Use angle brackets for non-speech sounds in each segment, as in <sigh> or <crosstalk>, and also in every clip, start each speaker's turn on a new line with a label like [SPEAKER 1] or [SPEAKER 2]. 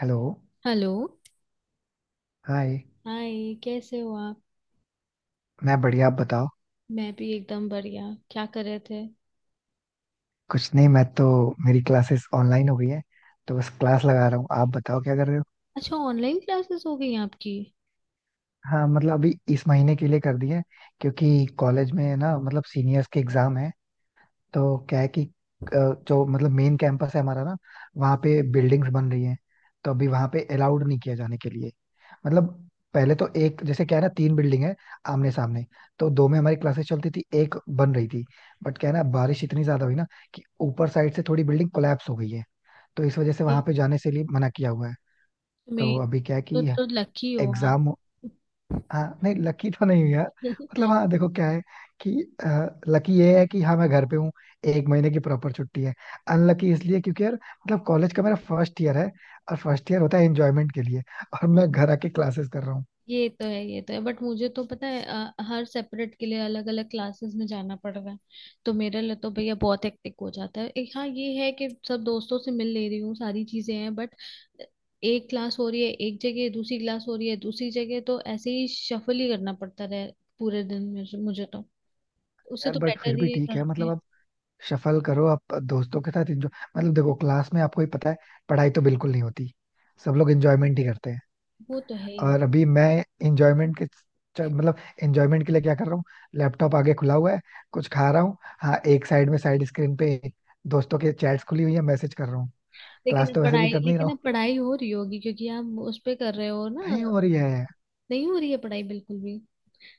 [SPEAKER 1] Hello.
[SPEAKER 2] Hello.
[SPEAKER 1] Hi.
[SPEAKER 2] Hi. कैसे हो आप?
[SPEAKER 1] मैं बढ़िया, आप बताओ।
[SPEAKER 2] मैं भी एकदम बढ़िया। क्या कर रहे थे?
[SPEAKER 1] कुछ नहीं, मैं तो, मेरी क्लासेस ऑनलाइन हो गई है, तो बस क्लास लगा रहा हूँ। आप बताओ क्या कर रहे हो।
[SPEAKER 2] अच्छा, ऑनलाइन क्लासेस हो गई आपकी।
[SPEAKER 1] हाँ, मतलब अभी इस महीने के लिए कर दी है, क्योंकि कॉलेज में ना, मतलब सीनियर्स के एग्जाम है, तो क्या है कि जो मतलब मेन कैंपस है हमारा ना, वहाँ पे बिल्डिंग्स बन रही हैं, तो अभी वहाँ पे अलाउड नहीं किया जाने के लिए। मतलब पहले तो एक जैसे क्या है ना, तीन बिल्डिंग है आमने सामने, तो दो में हमारी क्लासेस चलती थी, एक बन रही थी। बट क्या है ना, बारिश इतनी ज्यादा हुई ना कि ऊपर साइड से थोड़ी बिल्डिंग कोलैप्स हो गई है, तो इस वजह से वहां
[SPEAKER 2] ये
[SPEAKER 1] पे जाने से लिए मना किया हुआ है। तो
[SPEAKER 2] तुम्हें,
[SPEAKER 1] अभी क्या है
[SPEAKER 2] तो
[SPEAKER 1] कि
[SPEAKER 2] तो लकी हो आप।
[SPEAKER 1] एग्जाम। हाँ नहीं, लकी तो नहीं हूँ यार।
[SPEAKER 2] <laughs>
[SPEAKER 1] मतलब हाँ, देखो क्या है कि लकी ये है कि हाँ, मैं घर पे हूँ, एक महीने की प्रॉपर छुट्टी है। अनलकी इसलिए क्योंकि यार मतलब कॉलेज का मेरा फर्स्ट ईयर है, और फर्स्ट ईयर होता है एंजॉयमेंट के लिए, और मैं घर आके क्लासेस कर रहा हूँ।
[SPEAKER 2] ये तो है, ये तो है, बट मुझे तो पता है, हर सेपरेट के लिए अलग अलग क्लासेस में जाना पड़ रहा है। तो मेरे लिए तो भैया बहुत हेक्टिक हो जाता है। एक हाँ, ये है कि सब दोस्तों से मिल ले रही हूँ, सारी चीजें हैं, बट एक क्लास हो रही है एक जगह, दूसरी क्लास हो रही है दूसरी जगह, तो ऐसे ही शफल ही करना पड़ता रहे पूरे दिन में। मुझे मुझे तो उससे
[SPEAKER 1] यार
[SPEAKER 2] तो
[SPEAKER 1] बट
[SPEAKER 2] बेटर
[SPEAKER 1] फिर भी
[SPEAKER 2] ही है
[SPEAKER 1] ठीक
[SPEAKER 2] घर
[SPEAKER 1] है। मतलब
[SPEAKER 2] पे।
[SPEAKER 1] आप सफल करो, आप दोस्तों के साथ एंजॉय। मतलब देखो, क्लास में आपको ही पता है, पढ़ाई तो बिल्कुल नहीं होती, सब लोग एंजॉयमेंट ही करते हैं।
[SPEAKER 2] वो तो है ही।
[SPEAKER 1] और अभी मैं इंजॉयमेंट के मतलब इंजॉयमेंट के लिए क्या कर रहा हूँ, लैपटॉप आगे खुला हुआ है, कुछ खा रहा हूँ, हाँ एक साइड में साइड स्क्रीन पे दोस्तों के चैट्स खुली हुई है, मैसेज कर रहा हूँ।
[SPEAKER 2] लेकिन
[SPEAKER 1] क्लास
[SPEAKER 2] अब
[SPEAKER 1] तो वैसे भी
[SPEAKER 2] पढ़ाई,
[SPEAKER 1] कर नहीं रहा हूँ,
[SPEAKER 2] हो रही होगी क्योंकि आप उस पे कर रहे हो ना।
[SPEAKER 1] नहीं हो रही है।
[SPEAKER 2] नहीं हो रही है पढ़ाई बिल्कुल भी,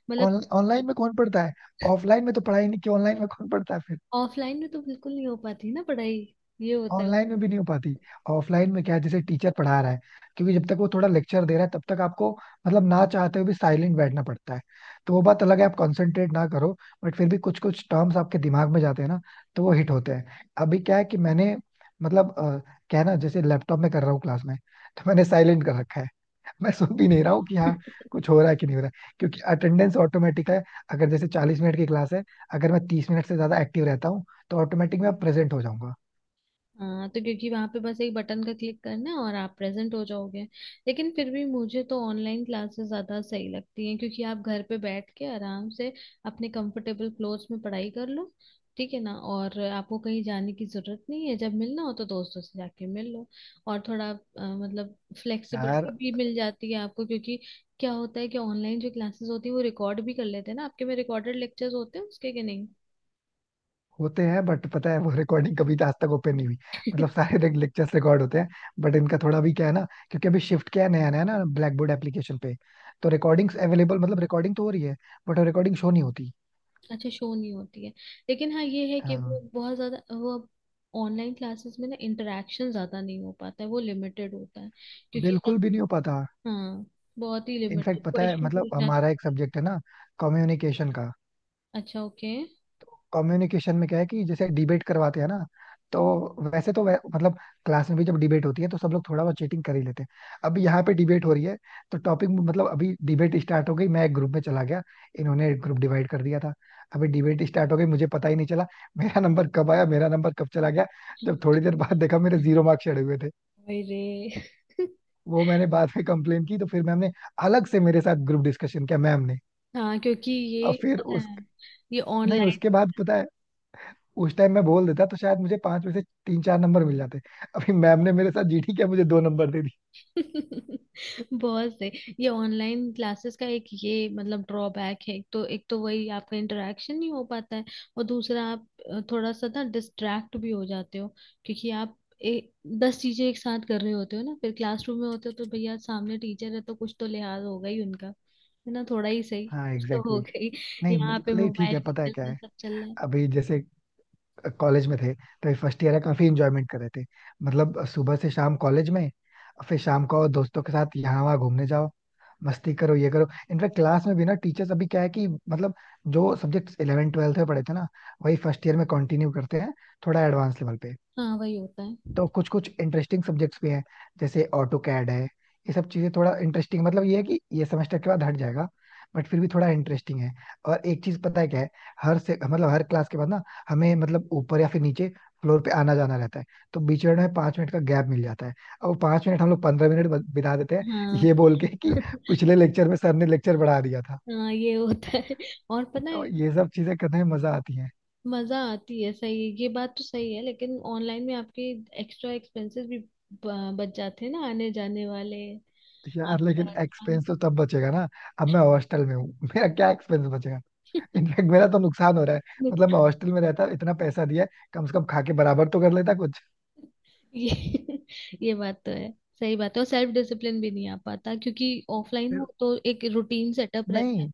[SPEAKER 2] मतलब
[SPEAKER 1] ऑनलाइन में कौन पढ़ता है। ऑफलाइन में तो पढ़ाई नहीं की, ऑनलाइन में कौन पढ़ता है फिर।
[SPEAKER 2] ऑफलाइन में तो बिल्कुल नहीं हो पाती ना पढ़ाई। ये होता
[SPEAKER 1] ऑनलाइन में भी नहीं हो पाती। ऑफलाइन में क्या है, जैसे टीचर पढ़ा रहा है, क्योंकि जब तक वो थोड़ा लेक्चर दे रहा है, तब तक आपको मतलब ना चाहते हुए भी साइलेंट बैठना पड़ता है, तो वो बात अलग है आप कंसंट्रेट ना करो, बट फिर भी कुछ कुछ टर्म्स आपके दिमाग में जाते हैं ना, तो वो हिट होते हैं। अभी क्या है कि मैंने मतलब क्या है ना, जैसे लैपटॉप में कर रहा हूँ क्लास में, तो मैंने साइलेंट कर रखा है। <laughs> मैं सुन भी नहीं रहा हूँ कि
[SPEAKER 2] है।
[SPEAKER 1] हाँ
[SPEAKER 2] <laughs>
[SPEAKER 1] कुछ हो रहा है कि नहीं हो रहा है, क्योंकि अटेंडेंस ऑटोमेटिक है। अगर जैसे 40 मिनट की क्लास है, अगर मैं 30 मिनट से ज्यादा एक्टिव रहता हूँ, तो ऑटोमेटिक मैं प्रेजेंट हो जाऊंगा।
[SPEAKER 2] हाँ, तो क्योंकि वहां पे बस एक बटन का क्लिक करना है और आप प्रेजेंट हो जाओगे। लेकिन फिर भी मुझे तो ऑनलाइन क्लासेस ज्यादा सही लगती हैं, क्योंकि आप घर पे बैठ के आराम से अपने कंफर्टेबल क्लोथ्स में पढ़ाई कर लो। ठीक है ना, और आपको कहीं जाने की जरूरत नहीं है। जब मिलना हो तो दोस्तों से जाके मिल लो। और थोड़ा मतलब
[SPEAKER 1] यार
[SPEAKER 2] फ्लेक्सिबिलिटी भी मिल जाती है आपको, क्योंकि क्या होता है कि ऑनलाइन जो क्लासेस होती है वो रिकॉर्ड भी कर लेते हैं ना, आपके में रिकॉर्डेड लेक्चर्स होते हैं उसके कि नहीं?
[SPEAKER 1] होते हैं, बट पता है वो रिकॉर्डिंग कभी आज तक ओपन नहीं हुई। मतलब सारे <laughs> लेक्चर्स रिकॉर्ड होते हैं, बट इनका थोड़ा भी क्या है ना, क्योंकि अभी शिफ्ट क्या है, नया नया ना ब्लैक बोर्ड एप्लीकेशन पे, तो रिकॉर्डिंग्स अवेलेबल, मतलब रिकॉर्डिंग तो हो रही है, बट रिकॉर्डिंग शो नहीं होती।
[SPEAKER 2] अच्छा, शो नहीं होती है। लेकिन हाँ, ये है कि वो
[SPEAKER 1] हाँ,
[SPEAKER 2] बहुत ज्यादा वो ऑनलाइन क्लासेस में ना, इंटरेक्शन ज्यादा नहीं हो पाता है, वो लिमिटेड होता है क्योंकि
[SPEAKER 1] बिल्कुल
[SPEAKER 2] सब।
[SPEAKER 1] भी नहीं हो पाता।
[SPEAKER 2] हाँ, बहुत ही लिमिटेड।
[SPEAKER 1] इनफैक्ट पता है,
[SPEAKER 2] क्वेश्चन
[SPEAKER 1] मतलब
[SPEAKER 2] पूछना तो।
[SPEAKER 1] हमारा एक सब्जेक्ट है ना, कम्युनिकेशन का।
[SPEAKER 2] अच्छा, ओके।
[SPEAKER 1] कम्युनिकेशन में क्या है कि जैसे डिबेट करवाते हैं ना, तो वैसे तो मतलब क्लास में भी जब डिबेट होती है, तो सब लोग थोड़ा बहुत चीटिंग कर ही लेते हैं। अभी यहाँ पे डिबेट हो रही है, तो टॉपिक मतलब अभी डिबेट स्टार्ट हो गई, मैं एक ग्रुप में चला गया, इन्होंने एक ग्रुप डिवाइड कर दिया था। अभी डिबेट स्टार्ट हो गई, मुझे पता ही नहीं चला मेरा नंबर कब आया, मेरा नंबर कब चला गया। जब थोड़ी देर बाद देखा, मेरे जीरो मार्क्स चढ़े हुए थे।
[SPEAKER 2] अरे। <laughs>
[SPEAKER 1] वो मैंने बाद में कंप्लेन की, तो फिर मैम ने अलग से मेरे साथ ग्रुप डिस्कशन किया मैम ने।
[SPEAKER 2] हाँ क्योंकि
[SPEAKER 1] और
[SPEAKER 2] ये
[SPEAKER 1] फिर
[SPEAKER 2] पता
[SPEAKER 1] उस,
[SPEAKER 2] है, ये
[SPEAKER 1] नहीं
[SPEAKER 2] ऑनलाइन।
[SPEAKER 1] उसके बाद पता है, उस टाइम मैं बोल देता तो शायद मुझे 5 में से 3 4 नंबर मिल जाते, अभी मैम ने मेरे साथ जीटी किया मुझे 2 नंबर दे दी।
[SPEAKER 2] <laughs> बहुत सही। ये ऑनलाइन क्लासेस का एक ये मतलब ड्रॉबैक है, तो एक तो वही आपका इंटरेक्शन नहीं हो पाता है, और दूसरा आप थोड़ा सा ना डिस्ट्रैक्ट भी हो जाते हो, क्योंकि आप 10 चीजें एक साथ कर रहे होते हो ना। फिर क्लासरूम में होते हो तो भैया सामने टीचर है, तो कुछ तो लिहाज होगा ही उनका। है ना, थोड़ा ही सही
[SPEAKER 1] हाँ
[SPEAKER 2] कुछ तो
[SPEAKER 1] एग्जैक्टली
[SPEAKER 2] हो
[SPEAKER 1] exactly।
[SPEAKER 2] गई।
[SPEAKER 1] नहीं
[SPEAKER 2] यहाँ पे
[SPEAKER 1] मतलब- नहीं ठीक
[SPEAKER 2] मोबाइल
[SPEAKER 1] है,
[SPEAKER 2] भी
[SPEAKER 1] पता है
[SPEAKER 2] चल
[SPEAKER 1] क्या
[SPEAKER 2] रहा है,
[SPEAKER 1] है,
[SPEAKER 2] सब चल रहा है।
[SPEAKER 1] अभी जैसे कॉलेज में थे तो फर्स्ट ईयर है, काफी इंजॉयमेंट कर रहे थे। मतलब सुबह से शाम कॉलेज में, फिर शाम को दोस्तों के साथ यहाँ वहाँ घूमने जाओ, मस्ती करो, ये करो। इनफैक्ट क्लास में भी ना, टीचर्स अभी क्या है कि मतलब जो सब्जेक्ट्स 11 ट्वेल्थ में पढ़े थे ना, वही फर्स्ट ईयर में कंटिन्यू करते हैं, थोड़ा एडवांस लेवल पे।
[SPEAKER 2] हाँ वही होता है।
[SPEAKER 1] तो कुछ कुछ इंटरेस्टिंग सब्जेक्ट्स भी हैं, जैसे ऑटो कैड है, ये सब चीजें थोड़ा इंटरेस्टिंग, मतलब ये है कि ये सेमेस्टर के बाद हट जाएगा, बट फिर भी थोड़ा इंटरेस्टिंग है। और एक चीज पता है क्या है, हर से मतलब हर क्लास के बाद ना, हमें मतलब ऊपर या फिर नीचे फ्लोर पे आना जाना रहता है, तो बीच में हमें 5 मिनट का गैप मिल जाता है, और वो 5 मिनट हम लोग 15 मिनट बिता देते हैं,
[SPEAKER 2] हाँ।
[SPEAKER 1] ये बोल के कि
[SPEAKER 2] <laughs>
[SPEAKER 1] पिछले लेक्चर में सर ने लेक्चर बढ़ा दिया था।
[SPEAKER 2] हाँ ये होता है, और पता
[SPEAKER 1] तो
[SPEAKER 2] है
[SPEAKER 1] ये सब चीजें करने में मजा आती है।
[SPEAKER 2] मजा आती है, सही है। ये बात तो सही है, लेकिन ऑनलाइन में आपके एक्स्ट्रा एक्सपेंसेस भी बच जाते हैं ना, आने जाने वाले
[SPEAKER 1] यार लेकिन
[SPEAKER 2] आपका।
[SPEAKER 1] एक्सपेंस तो तब बचेगा ना, अब मैं हॉस्टल में हूँ। <laughs> मेरा क्या एक्सपेंस बचेगा।
[SPEAKER 2] <laughs>
[SPEAKER 1] इनफैक्ट मेरा तो नुकसान हो रहा है, मतलब मैं हॉस्टल में रहता इतना पैसा दिया है, कम से कम खा के बराबर तो कर लेता कुछ।
[SPEAKER 2] ये ये बात तो है, सही बात है। और सेल्फ डिसिप्लिन भी नहीं आ पाता, क्योंकि ऑफलाइन
[SPEAKER 1] फिर-
[SPEAKER 2] हो तो एक रूटीन सेटअप रहता है।
[SPEAKER 1] नहीं,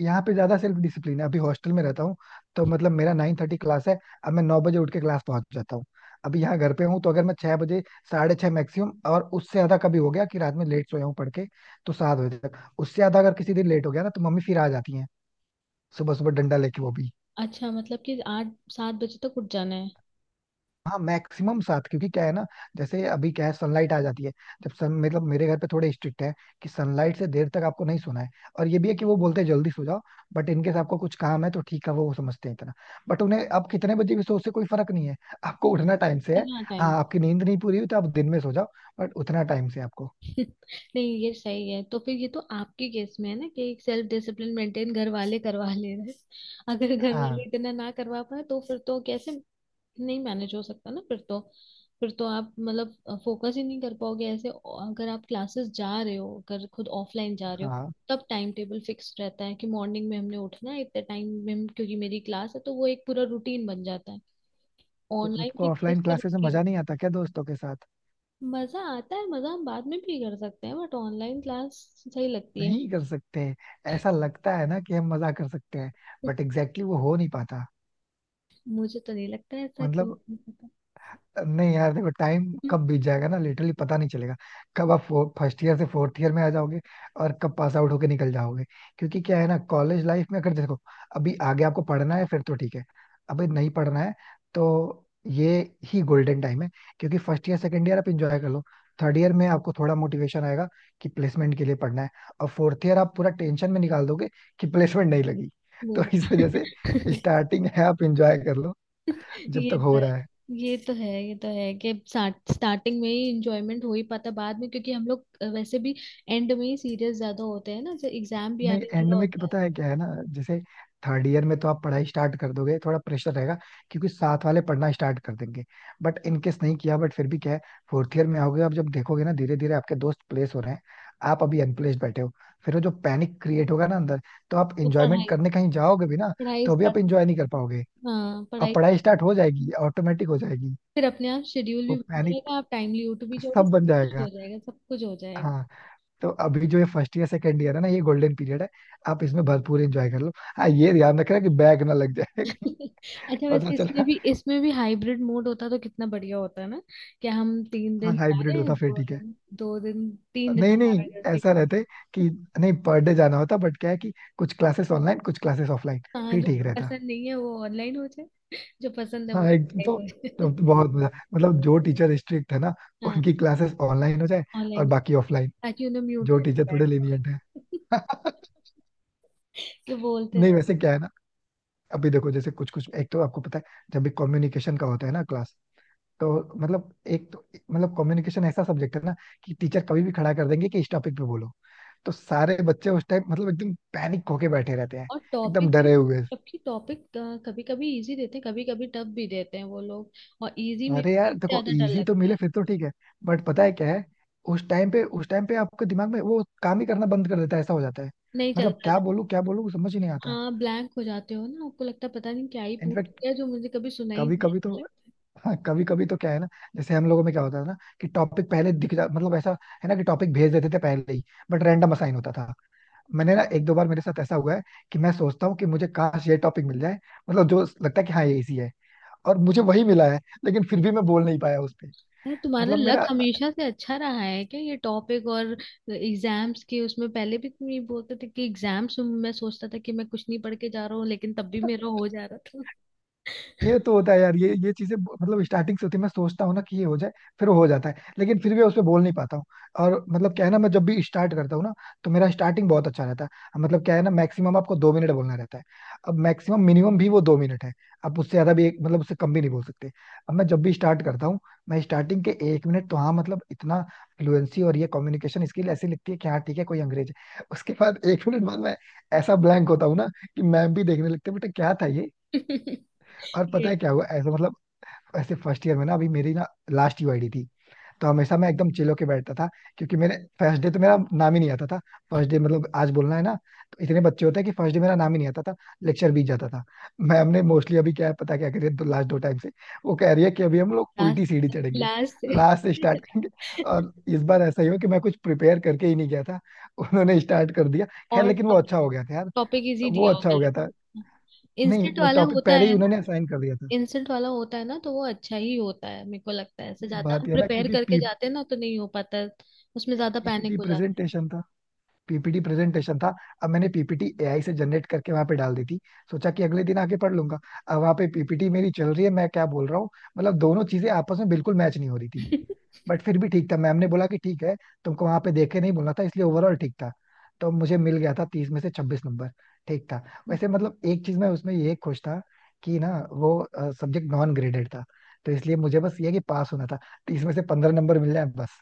[SPEAKER 1] यहाँ पे ज्यादा सेल्फ डिसिप्लिन है, अभी हॉस्टल में रहता हूँ तो मतलब मेरा 9:30 क्लास है, अब मैं 9 बजे उठ के क्लास पहुंच जाता हूँ। अभी यहाँ घर पे हूँ, तो अगर मैं 6 बजे, 6:30 मैक्सिमम, और उससे ज्यादा कभी हो गया कि रात में लेट सोया हूँ पढ़ के, तो 7 बजे तक, उससे ज्यादा अगर किसी दिन लेट हो गया ना, तो मम्मी फिर आ जाती है सुबह सुबह डंडा लेके, वो भी।
[SPEAKER 2] अच्छा, मतलब कि आठ सात बजे तक उठ जाना है?
[SPEAKER 1] हाँ मैक्सिमम 7, क्योंकि क्या है ना, जैसे अभी क्या है, सनलाइट आ जाती है, जब सन मतलब मेरे घर पे थोड़े स्ट्रिक्ट है कि सनलाइट से देर तक आपको नहीं सोना है। और ये भी है कि वो बोलते हैं जल्दी सो जाओ, बट इनकेस आपको कुछ काम है तो ठीक है, वो समझते हैं इतना, बट उन्हें आप कितने बजे भी सो, उससे कोई फर्क नहीं है, आपको उठना टाइम से है।
[SPEAKER 2] इतना
[SPEAKER 1] हाँ,
[SPEAKER 2] टाइम!
[SPEAKER 1] आपकी नींद नहीं पूरी हुई तो आप दिन में सो जाओ, बट उतना टाइम से आपको।
[SPEAKER 2] नहीं, ये सही है। तो फिर ये तो आपके केस में है ना, कि एक सेल्फ डिसिप्लिन मेंटेन घर वाले करवा ले रहे हैं। अगर घर वाले
[SPEAKER 1] हाँ
[SPEAKER 2] इतना ना करवा पाए तो फिर तो कैसे? नहीं मैनेज हो सकता ना फिर तो। फिर तो आप मतलब फोकस ही नहीं कर पाओगे ऐसे। अगर आप क्लासेस जा रहे हो, अगर खुद ऑफलाइन जा रहे हो,
[SPEAKER 1] हाँ,
[SPEAKER 2] तब टाइम टेबल फिक्स रहता है कि मॉर्निंग में हमने उठना है, इतने टाइम में क्योंकि मेरी क्लास है, तो वो एक पूरा रूटीन बन जाता है।
[SPEAKER 1] तो
[SPEAKER 2] ऑनलाइन
[SPEAKER 1] आपको
[SPEAKER 2] के
[SPEAKER 1] ऑफलाइन
[SPEAKER 2] केस में
[SPEAKER 1] क्लासेस में
[SPEAKER 2] रूटीन।
[SPEAKER 1] मजा नहीं आता क्या दोस्तों के साथ।
[SPEAKER 2] मजा आता है, मजा हम बाद में भी कर सकते हैं, बट ऑनलाइन क्लास सही लगती है।
[SPEAKER 1] नहीं कर सकते। ऐसा लगता है ना कि हम मजा कर सकते हैं, बट
[SPEAKER 2] <laughs>
[SPEAKER 1] एग्जैक्टली exactly वो हो नहीं पाता।
[SPEAKER 2] मुझे तो नहीं लगता है ऐसा, क्यों
[SPEAKER 1] मतलब
[SPEAKER 2] नहीं पता।
[SPEAKER 1] नहीं यार, देखो टाइम
[SPEAKER 2] हम्म,
[SPEAKER 1] कब बीत जाएगा ना, लिटरली पता नहीं चलेगा, कब आप फर्स्ट ईयर से फोर्थ ईयर में आ जाओगे और कब पास आउट होके निकल जाओगे। क्योंकि क्या है ना, कॉलेज लाइफ में अगर देखो, अभी आगे आपको पढ़ना है फिर तो ठीक है, अभी नहीं पढ़ना है तो ये ही गोल्डन टाइम है, क्योंकि फर्स्ट ईयर सेकेंड ईयर आप इंजॉय कर लो। थर्ड ईयर में आपको थोड़ा मोटिवेशन आएगा कि प्लेसमेंट के लिए पढ़ना है, और फोर्थ ईयर आप पूरा टेंशन में निकाल दोगे कि प्लेसमेंट नहीं लगी। <laughs>
[SPEAKER 2] वो
[SPEAKER 1] तो इस वजह से
[SPEAKER 2] बात-
[SPEAKER 1] स्टार्टिंग है, आप इंजॉय कर लो
[SPEAKER 2] <laughs>
[SPEAKER 1] जब
[SPEAKER 2] ये
[SPEAKER 1] तक
[SPEAKER 2] तो
[SPEAKER 1] हो
[SPEAKER 2] है।
[SPEAKER 1] रहा है।
[SPEAKER 2] ये तो है, ये तो है कि स्टार्टिंग में ही इंजॉयमेंट हो ही पाता, बाद में क्योंकि हम लोग वैसे भी एंड में ही सीरियस ज्यादा होते हैं ना, जब एग्जाम भी
[SPEAKER 1] नहीं
[SPEAKER 2] आने
[SPEAKER 1] एंड
[SPEAKER 2] वाला
[SPEAKER 1] में क्या-,
[SPEAKER 2] होता है।
[SPEAKER 1] पता है क्या है ना, जैसे थर्ड ईयर में तो आप पढ़ाई स्टार्ट कर दोगे, थोड़ा प्रेशर रहेगा क्योंकि साथ वाले पढ़ना स्टार्ट कर देंगे, बट इनकेस नहीं किया बट फिर भी क्या है, फोर्थ ईयर में आओगे आप, जब देखोगे ना धीरे धीरे आपके दोस्त प्लेस हो रहे हैं, आप अभी अनप्लेस्ड बैठे हो, फिर वो जो पैनिक क्रिएट होगा ना अंदर, तो आप
[SPEAKER 2] तो
[SPEAKER 1] इंजॉयमेंट
[SPEAKER 2] पढ़ाई
[SPEAKER 1] करने कहीं जाओगे भी ना,
[SPEAKER 2] पढ़ाई
[SPEAKER 1] तो भी आप
[SPEAKER 2] स्टार्ट।
[SPEAKER 1] इंजॉय नहीं कर पाओगे।
[SPEAKER 2] हाँ
[SPEAKER 1] और
[SPEAKER 2] पढ़ाई
[SPEAKER 1] पढ़ाई
[SPEAKER 2] start-
[SPEAKER 1] स्टार्ट हो जाएगी, ऑटोमेटिक हो जाएगी,
[SPEAKER 2] फिर अपने आप शेड्यूल भी
[SPEAKER 1] वो
[SPEAKER 2] बन
[SPEAKER 1] पैनिक,
[SPEAKER 2] जाएगा। आप टाइमली उठ भी जाओगे
[SPEAKER 1] सब
[SPEAKER 2] सब।
[SPEAKER 1] बन
[SPEAKER 2] कुछ
[SPEAKER 1] जाएगा।
[SPEAKER 2] हो जाएगा, सब कुछ हो जाएगा।
[SPEAKER 1] हाँ। तो अभी जो ये फर्स्ट ईयर सेकंड ईयर है ना, ये गोल्डन पीरियड है, आप इसमें भरपूर एंजॉय कर लो, हाँ ये ध्यान रखना कि बैग ना लग जाए कहीं।
[SPEAKER 2] <laughs> अच्छा,
[SPEAKER 1] पता
[SPEAKER 2] वैसे
[SPEAKER 1] चला।
[SPEAKER 2] इसमें भी हाइब्रिड मोड होता तो कितना बढ़िया होता है ना। कि हम तीन
[SPEAKER 1] हाँ
[SPEAKER 2] दिन जा
[SPEAKER 1] हाइब्रिड
[SPEAKER 2] रहे हैं,
[SPEAKER 1] होता फिर
[SPEAKER 2] दो
[SPEAKER 1] ठीक है।
[SPEAKER 2] दिन दो दिन 3 दिन
[SPEAKER 1] नहीं
[SPEAKER 2] हमारा
[SPEAKER 1] नहीं,
[SPEAKER 2] जैसे।
[SPEAKER 1] ऐसा रहते कि नहीं पर डे जाना होता, बट क्या है कि कुछ क्लासेस ऑनलाइन, कुछ क्लासेस ऑफलाइन,
[SPEAKER 2] हाँ,
[SPEAKER 1] फिर
[SPEAKER 2] जो
[SPEAKER 1] ठीक रहता।
[SPEAKER 2] पसंद नहीं है वो ऑनलाइन हो जाए, जो पसंद है
[SPEAKER 1] हाँ
[SPEAKER 2] वो
[SPEAKER 1] एक
[SPEAKER 2] ऑनलाइन हो जाए।
[SPEAKER 1] तो बहुत मजा, मतलब जो टीचर स्ट्रिक्ट है ना,
[SPEAKER 2] <laughs> हाँ,
[SPEAKER 1] उनकी क्लासेस ऑनलाइन हो जाए, और
[SPEAKER 2] ऑनलाइन,
[SPEAKER 1] बाकी ऑफलाइन,
[SPEAKER 2] ताकि उन्हें म्यूट
[SPEAKER 1] जो
[SPEAKER 2] करके
[SPEAKER 1] टीचर
[SPEAKER 2] बैठ
[SPEAKER 1] थोड़े lenient है।
[SPEAKER 2] जाओ। <laughs>
[SPEAKER 1] <laughs>
[SPEAKER 2] कि बोलते
[SPEAKER 1] नहीं
[SPEAKER 2] रहो।
[SPEAKER 1] वैसे क्या है ना, अभी देखो जैसे कुछ कुछ एक तो आपको पता है, जब भी कम्युनिकेशन का होता है ना क्लास, तो मतलब एक तो मतलब कम्युनिकेशन ऐसा सब्जेक्ट है ना कि टीचर कभी भी खड़ा कर देंगे कि इस टॉपिक पे बोलो, तो सारे बच्चे उस टाइम मतलब एकदम पैनिक होके बैठे रहते हैं,
[SPEAKER 2] और
[SPEAKER 1] एकदम
[SPEAKER 2] टॉपिक भी,
[SPEAKER 1] डरे हुए।
[SPEAKER 2] जबकि टॉपिक कभी कभी इजी देते हैं, कभी कभी टफ भी देते हैं वो लोग। और इजी में
[SPEAKER 1] अरे
[SPEAKER 2] सबसे
[SPEAKER 1] यार देखो,
[SPEAKER 2] ज्यादा डर
[SPEAKER 1] इजी तो
[SPEAKER 2] लगता
[SPEAKER 1] मिले
[SPEAKER 2] है,
[SPEAKER 1] फिर तो ठीक है, बट पता है क्या है, उस टाइम पे आपके दिमाग में वो काम ही करना बंद कर देता है, ऐसा हो जाता है,
[SPEAKER 2] नहीं
[SPEAKER 1] मतलब
[SPEAKER 2] चलता।
[SPEAKER 1] क्या बोलूं समझ ही नहीं आता।
[SPEAKER 2] हाँ, ब्लैंक हो जाते हो ना। आपको लगता है पता नहीं क्या ही पूछ
[SPEAKER 1] इनफैक्ट
[SPEAKER 2] लिया, जो मुझे कभी सुना ही
[SPEAKER 1] कभी
[SPEAKER 2] नहीं,
[SPEAKER 1] कभी तो,
[SPEAKER 2] ऐसा लगता
[SPEAKER 1] हाँ कभी कभी तो क्या है ना, जैसे हम लोगों में क्या होता था ना कि टॉपिक पहले दिख जा, मतलब ऐसा है ना कि टॉपिक भेज देते थे पहले ही, बट रैंडम असाइन होता था। मैंने ना एक दो बार मेरे साथ ऐसा हुआ है कि मैं सोचता हूँ कि मुझे काश ये टॉपिक मिल जाए, मतलब जो लगता है कि हाँ ये इसी है, और मुझे वही मिला है, लेकिन फिर भी मैं बोल नहीं पाया उस पे।
[SPEAKER 2] है। यार, तुम्हारा
[SPEAKER 1] मतलब
[SPEAKER 2] लक
[SPEAKER 1] मेरा
[SPEAKER 2] हमेशा से अच्छा रहा है क्या? ये टॉपिक और एग्जाम्स के उसमें पहले भी तुम ये बोलते थे कि एग्जाम्स में मैं सोचता था कि मैं कुछ नहीं पढ़ के जा रहा हूँ, लेकिन तब भी मेरा हो जा रहा था।
[SPEAKER 1] ये तो होता है यार, ये चीजें मतलब स्टार्टिंग से होती है, मैं सोचता हूँ ना कि ये हो जाए, फिर वो हो जाता है, लेकिन फिर भी उस पर बोल नहीं पाता हूँ। और मतलब क्या है ना, मैं जब भी स्टार्ट करता हूँ ना, तो मेरा स्टार्टिंग बहुत अच्छा रहता है, मतलब क्या है ना, मैक्सिमम आपको 2 मिनट बोलना रहता है, अब मैक्सिमम मिनिमम भी वो 2 मिनट है, आप उससे ज्यादा भी एक मतलब उससे कम भी नहीं बोल सकते। अब मैं जब भी स्टार्ट करता हूँ, मैं स्टार्टिंग के 1 मिनट तो हाँ मतलब इतना फ्लुएंसी और ये कम्युनिकेशन स्किल ऐसी लगती है कि हाँ ठीक है, कोई अंग्रेज है, उसके बाद 1 मिनट बाद मैं ऐसा ब्लैंक होता हूँ ना कि मैम भी देखने लगते हैं बेटा क्या था ये।
[SPEAKER 2] <laughs>
[SPEAKER 1] और पता
[SPEAKER 2] ये
[SPEAKER 1] है क्या हुआ ऐसा, मतलब ऐसे फर्स्ट ईयर में ना, अभी मेरी ना लास्ट यूआईडी थी, तो हमेशा मैं एकदम चिल होके बैठता था, क्योंकि मेरे फर्स्ट डे तो मेरा नाम ही नहीं आता था, फर्स्ट डे मतलब आज बोलना है ना, तो इतने बच्चे होते हैं कि फर्स्ट डे मेरा नाम ही नहीं आता था, लेक्चर बीत जाता था। मैं हमने मोस्टली अभी क्या है, पता क्या करिए तो लास्ट दो टाइम से वो कह रही है कि अभी हम लोग
[SPEAKER 2] क्लास
[SPEAKER 1] उल्टी सीढ़ी चढ़ेंगे,
[SPEAKER 2] क्लास से।
[SPEAKER 1] लास्ट से स्टार्ट करेंगे। और इस बार ऐसा ही हो कि मैं कुछ प्रिपेयर करके ही नहीं गया था, उन्होंने स्टार्ट कर दिया।
[SPEAKER 2] <laughs>
[SPEAKER 1] खैर
[SPEAKER 2] और
[SPEAKER 1] लेकिन वो अच्छा हो गया था यार,
[SPEAKER 2] टॉपिक इजी
[SPEAKER 1] वो
[SPEAKER 2] दिया
[SPEAKER 1] अच्छा
[SPEAKER 2] होगा
[SPEAKER 1] हो गया था।
[SPEAKER 2] लेकिन।
[SPEAKER 1] नहीं
[SPEAKER 2] इंस्टेंट
[SPEAKER 1] वो
[SPEAKER 2] वाला
[SPEAKER 1] टॉपिक
[SPEAKER 2] होता
[SPEAKER 1] पहले ही
[SPEAKER 2] है
[SPEAKER 1] उन्होंने
[SPEAKER 2] ना,
[SPEAKER 1] असाइन कर दिया था।
[SPEAKER 2] इंस्टेंट वाला होता है ना तो वो अच्छा ही होता है। मेरे को लगता है ऐसे ज्यादा
[SPEAKER 1] बात
[SPEAKER 2] हम
[SPEAKER 1] यह है ना
[SPEAKER 2] प्रिपेयर
[SPEAKER 1] क्योंकि
[SPEAKER 2] करके जाते हैं ना तो नहीं हो पाता, उसमें ज्यादा पैनिक
[SPEAKER 1] पीपीटी
[SPEAKER 2] हो जाता
[SPEAKER 1] प्रेजेंटेशन था, पीपीटी प्रेजेंटेशन था। अब मैंने पीपीटी एआई से जनरेट करके वहां पे डाल दी थी, सोचा कि अगले दिन आके पढ़ लूंगा। अब वहां पे पीपीटी मेरी चल रही है, मैं क्या बोल रहा हूँ, मतलब दोनों चीजें आपस में बिल्कुल मैच नहीं हो रही थी।
[SPEAKER 2] है।
[SPEAKER 1] बट फिर भी ठीक था, मैम ने बोला कि ठीक है, तुमको वहां पे देख के नहीं बोलना था, इसलिए ओवरऑल ठीक था। तो मुझे मिल गया था 30 में से 26 नंबर, ठीक था। वैसे
[SPEAKER 2] <laughs>
[SPEAKER 1] मतलब एक चीज में उसमें ये खुश था कि ना वो सब्जेक्ट नॉन ग्रेडेड था, तो इसलिए मुझे बस ये है कि पास होना था, 30 में से 15 नंबर मिल जाए बस।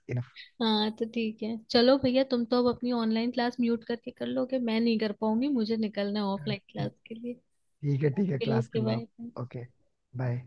[SPEAKER 2] हाँ तो ठीक है, चलो भैया, तुम तो अब अपनी ऑनलाइन क्लास म्यूट करके कर लोगे। मैं नहीं कर पाऊंगी, मुझे निकलना है ऑफलाइन क्लास
[SPEAKER 1] इनफ,
[SPEAKER 2] के लिए।
[SPEAKER 1] ठीक है ठीक है,
[SPEAKER 2] ओके
[SPEAKER 1] क्लास
[SPEAKER 2] ओके,
[SPEAKER 1] कर लो आप।
[SPEAKER 2] बाय।
[SPEAKER 1] Okay, bye.